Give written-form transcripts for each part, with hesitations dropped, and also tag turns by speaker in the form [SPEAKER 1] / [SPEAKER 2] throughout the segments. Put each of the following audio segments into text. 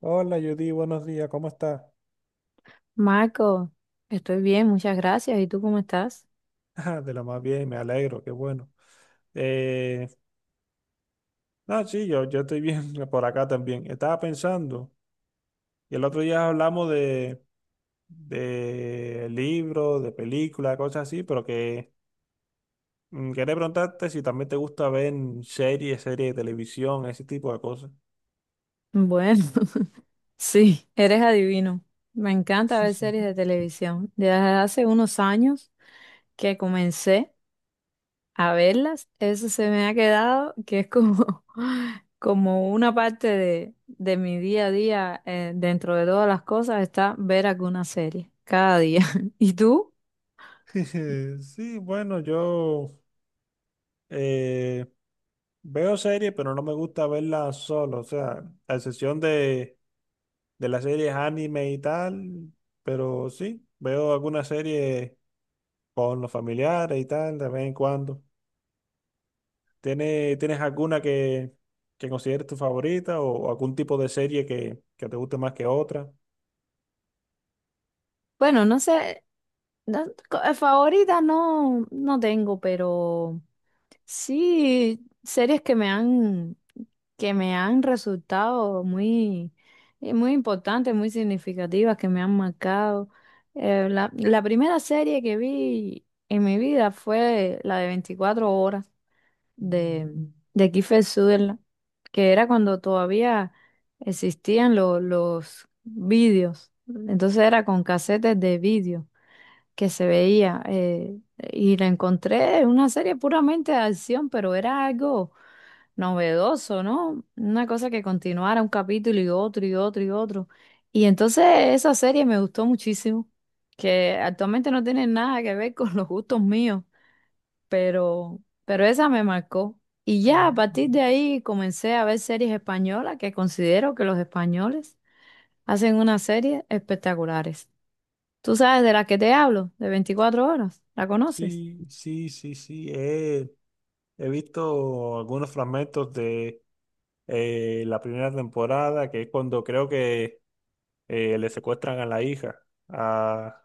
[SPEAKER 1] Hola Judy, buenos días, ¿cómo estás?
[SPEAKER 2] Marco, estoy bien, muchas gracias. ¿Y tú cómo estás?
[SPEAKER 1] De lo más bien, me alegro, qué bueno. Eh, no, sí, yo estoy bien por acá también. Estaba pensando, y el otro día hablamos de libros, de películas, cosas así, pero que quería preguntarte si también te gusta ver series, series de televisión, ese tipo de cosas.
[SPEAKER 2] Bueno, sí, eres adivino. Me encanta ver series de televisión. Desde hace unos años que comencé a verlas, eso se me ha quedado que es como, como una parte de mi día a día, dentro de todas las cosas, está ver alguna serie cada día. ¿Y tú?
[SPEAKER 1] Sí, bueno, yo eh, veo series, pero no me gusta verlas solo, o sea, a excepción de las series anime y tal, pero sí, veo algunas series con los familiares y tal, de vez en cuando. ¿Tienes alguna que consideres tu favorita o algún tipo de serie que te guste más que otra?
[SPEAKER 2] Bueno, no sé, favorita no, no tengo, pero... Sí, series que me han resultado muy importantes, muy significativas, que me han marcado. La primera serie que vi en mi vida fue la de 24 horas
[SPEAKER 1] Mm,
[SPEAKER 2] de, de Kiefer Sutherland, que era cuando todavía existían los vídeos. Entonces era con casetes de vídeo que se veía, y la encontré una serie puramente de acción, pero era algo novedoso, ¿no? Una cosa que continuara un capítulo y otro y otro y otro. Y entonces esa serie me gustó muchísimo, que actualmente no tiene nada que ver con los gustos míos, pero, pero esa me marcó. Y ya a
[SPEAKER 1] mm.
[SPEAKER 2] partir de ahí comencé a ver series españolas que considero que los españoles hacen unas series espectaculares. Tú sabes de la que te hablo, de 24 horas. ¿La conoces?
[SPEAKER 1] Sí, sí, sí, sí. He visto algunos fragmentos de la primera temporada, que es cuando creo que le secuestran a la hija, a,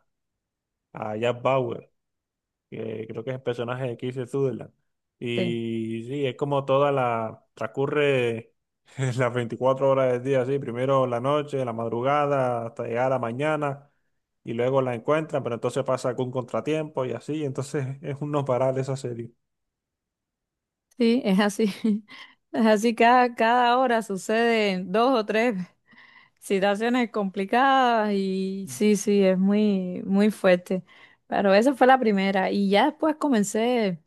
[SPEAKER 1] a Jack Bauer, que creo que es el personaje de Keith Sutherland.
[SPEAKER 2] Sí,
[SPEAKER 1] Y sí, es como toda la, transcurre las 24 horas del día, sí, primero la noche, la madrugada, hasta llegar a la mañana, y luego la encuentran, pero entonces pasa algún contratiempo y así, entonces es un no parar esa serie.
[SPEAKER 2] sí, es así. Es así, cada hora suceden dos o tres situaciones complicadas y sí, sí, es muy, muy fuerte. Pero esa fue la primera. Y ya después comencé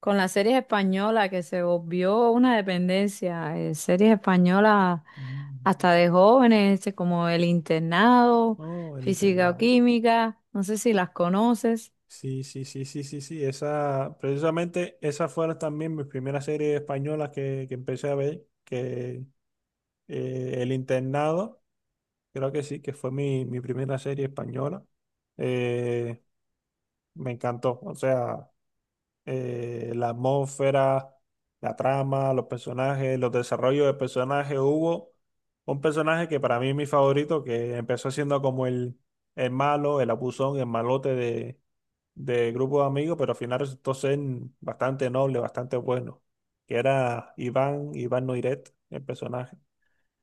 [SPEAKER 2] con la serie española que se volvió una dependencia. Series españolas
[SPEAKER 1] Mm.
[SPEAKER 2] hasta de jóvenes, este, como El Internado,
[SPEAKER 1] Oh, el
[SPEAKER 2] Física o
[SPEAKER 1] internado.
[SPEAKER 2] Química. No sé si las conoces.
[SPEAKER 1] Sí, sí, sí, sí, sí, sí, esa, precisamente esas fueron también mis primeras series españolas que empecé a ver, que El Internado, creo que sí, que fue mi, mi primera serie española. Eh, Me encantó. O sea, la atmósfera, la trama, los personajes, los desarrollos de personajes. Hubo un personaje que para mí es mi favorito, que empezó siendo como el malo, el abusón, el malote de grupo de amigos, pero al final resultó ser bastante noble, bastante bueno, que era Iván, Iván Noiret, el personaje.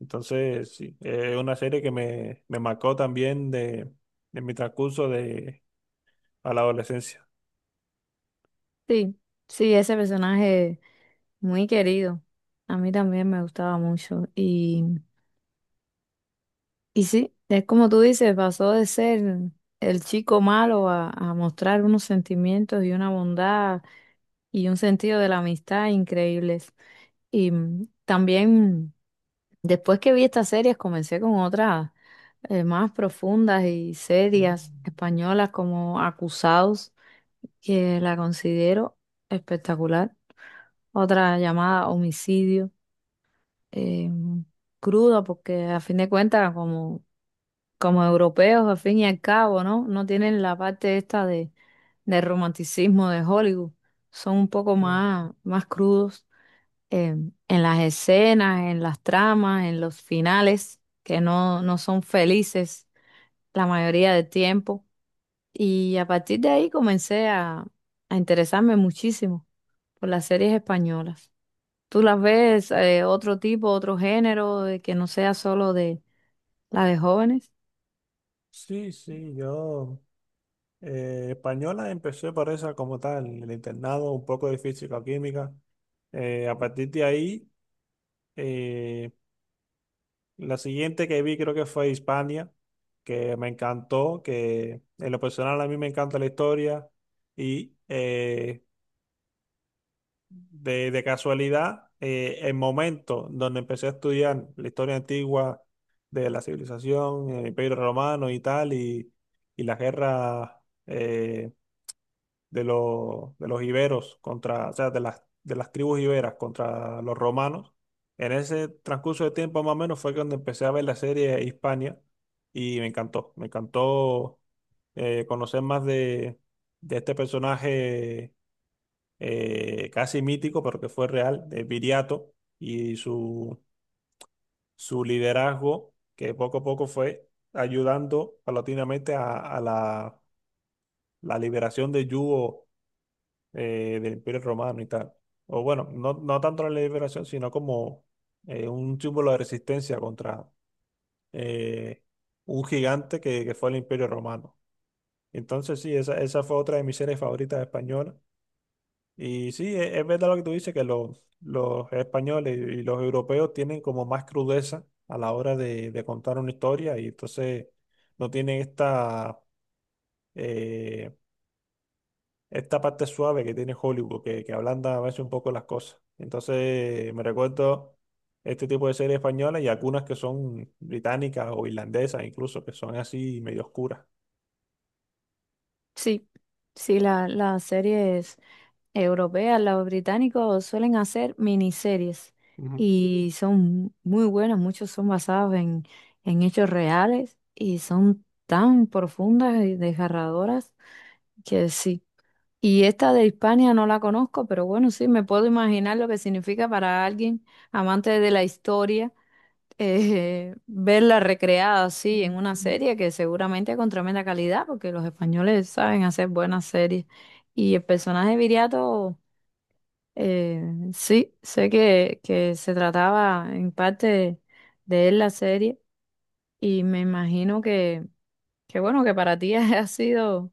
[SPEAKER 1] Entonces, sí, es una serie que me marcó también de mi transcurso de, a la adolescencia.
[SPEAKER 2] Sí, sí, ese personaje muy querido. A mí también me gustaba mucho. Y sí, es como tú dices, pasó de ser el chico malo a mostrar unos sentimientos y una bondad y un sentido de la amistad increíbles. Y también después que vi estas series comencé con otras más profundas y serias
[SPEAKER 1] Mm,
[SPEAKER 2] españolas como Acusados, que la considero espectacular. Otra llamada homicidio, eh, cruda, porque a fin de cuentas, como, como europeos, al fin y al cabo, ¿no? No tienen la parte esta de romanticismo de Hollywood, son un poco
[SPEAKER 1] ya.
[SPEAKER 2] más, más crudos, eh, en las escenas, en las tramas, en los finales, que no, no son felices la mayoría del tiempo. Y a partir de ahí comencé a interesarme muchísimo por las series españolas. ¿Tú las ves, otro tipo, otro género, de que no sea solo de la de jóvenes?
[SPEAKER 1] Sí, sí, yo española empecé por esa como tal, El Internado, un poco de Física o Química. A partir de ahí, eh, la siguiente que vi creo que fue Hispania, que me encantó, que en lo personal a mí me encanta la historia y de casualidad, el momento donde empecé a estudiar la historia antigua de la civilización, el Imperio Romano y tal, y las guerras eh, de los iberos contra, o sea, de las tribus iberas contra los romanos, en ese transcurso de tiempo más o menos fue cuando empecé a ver la serie Hispania y me encantó conocer más de este personaje casi mítico, pero que fue real, de Viriato y su liderazgo, que poco a poco fue ayudando paulatinamente a la, la liberación de Yugo del Imperio Romano y tal. O bueno, no, no tanto la liberación, sino como un símbolo de resistencia contra eh, un gigante que fue el Imperio Romano. Entonces, sí, esa fue otra de mis series favoritas españolas. Y sí, es verdad lo que tú dices, que los españoles y los europeos tienen como más crudeza a la hora de contar una historia y entonces no tienen esta, eh, esta parte suave que tiene Hollywood, que ablanda a veces un poco las cosas. Entonces me recuerdo este tipo de series españolas y algunas que son británicas o irlandesas incluso, que son así medio oscuras.
[SPEAKER 2] Sí. Sí, las series europeas, los británicos suelen hacer miniseries
[SPEAKER 1] Ujú.
[SPEAKER 2] y son muy buenas, muchos son basados en hechos reales y son tan profundas y desgarradoras que sí. Y esta de Hispania no la conozco, pero bueno, sí, me puedo imaginar lo que significa para alguien amante de la historia, verla recreada así en una serie que seguramente con tremenda calidad, porque los españoles saben hacer buenas series. Y el personaje de Viriato, eh, sí, sé que se trataba en parte de él la serie y me imagino que bueno, que para ti ha sido,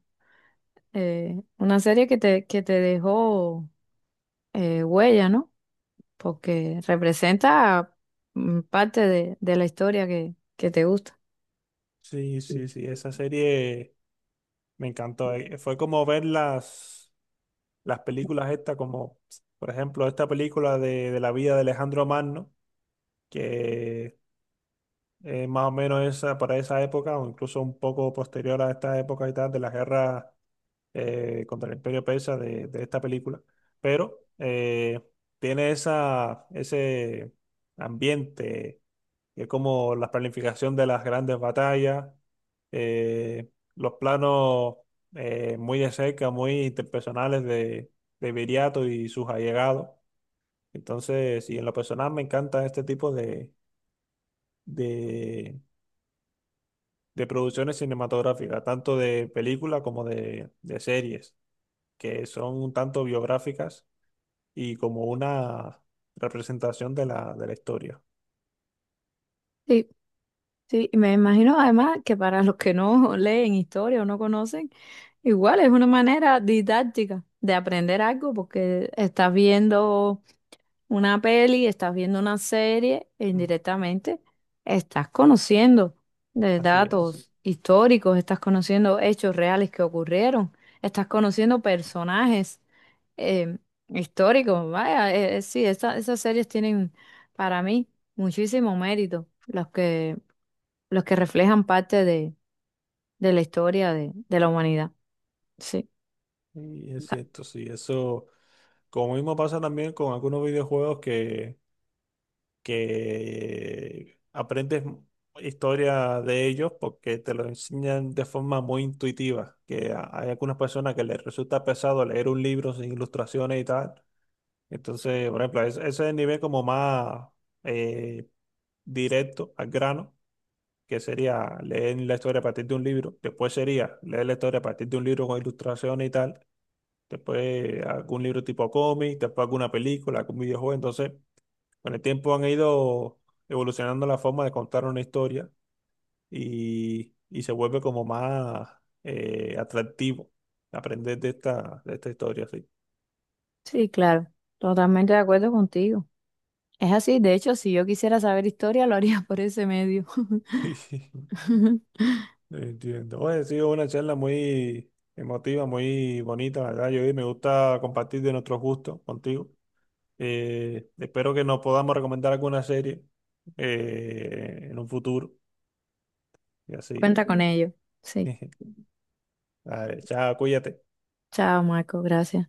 [SPEAKER 2] una serie que te dejó, huella, ¿no? Porque representa, parte de la historia que te gusta.
[SPEAKER 1] Sí, sí, sí, esa serie me encantó. Fue como verlas las películas estas, como por ejemplo esta película de la vida de Alejandro Magno, que es más o menos esa, para esa época, o incluso un poco posterior a esta época y tal, de las guerras contra el Imperio Persa de esta película. Pero tiene esa, ese ambiente que es como la planificación de las grandes batallas, los planos muy de cerca, muy interpersonales de Viriato y sus allegados. Entonces, sí, en lo personal me encanta este tipo de, de producciones cinematográficas, tanto de películas como de series, que son un tanto biográficas y como una representación de la historia.
[SPEAKER 2] Sí, sí, y me imagino además que para los que no leen historia o no conocen, igual es una manera didáctica de aprender algo porque estás viendo una peli, estás viendo una serie, e
[SPEAKER 1] Mm,
[SPEAKER 2] indirectamente estás conociendo de
[SPEAKER 1] así es.
[SPEAKER 2] datos históricos, estás conociendo hechos reales que ocurrieron, estás conociendo personajes eh, históricos. Vaya, sí, esas series tienen para mí muchísimo mérito, los que reflejan parte de la historia de la humanidad. Sí,
[SPEAKER 1] Y es cierto, sí, eso. Como mismo pasa también con algunos videojuegos que aprendes historia de ellos porque te lo enseñan de forma muy intuitiva, hay algunas personas que les resulta pesado leer un libro sin ilustraciones y tal. Entonces, por ejemplo, ese es el nivel como más eh, directo al grano, que sería leer la historia a partir de un libro. Después sería leer la historia a partir de un libro con ilustraciones y tal, después algún libro tipo cómic, después alguna película, algún videojuego. Entonces, con el tiempo han ido evolucionando la forma de contar una historia y se vuelve como más atractivo aprender de esta historia, sí.
[SPEAKER 2] sí, claro, totalmente de acuerdo contigo. Es así, de hecho, si yo quisiera saber historia, lo haría por ese medio.
[SPEAKER 1] Entiendo. Oye, ha sido una charla muy emotiva, muy bonita, la verdad. Yo me gusta compartir de nuestros gustos contigo. Espero que nos podamos recomendar alguna serie en un futuro y así.
[SPEAKER 2] Cuenta con ello. Sí.
[SPEAKER 1] Vale, chao, cuídate.
[SPEAKER 2] Chao, Marco, gracias.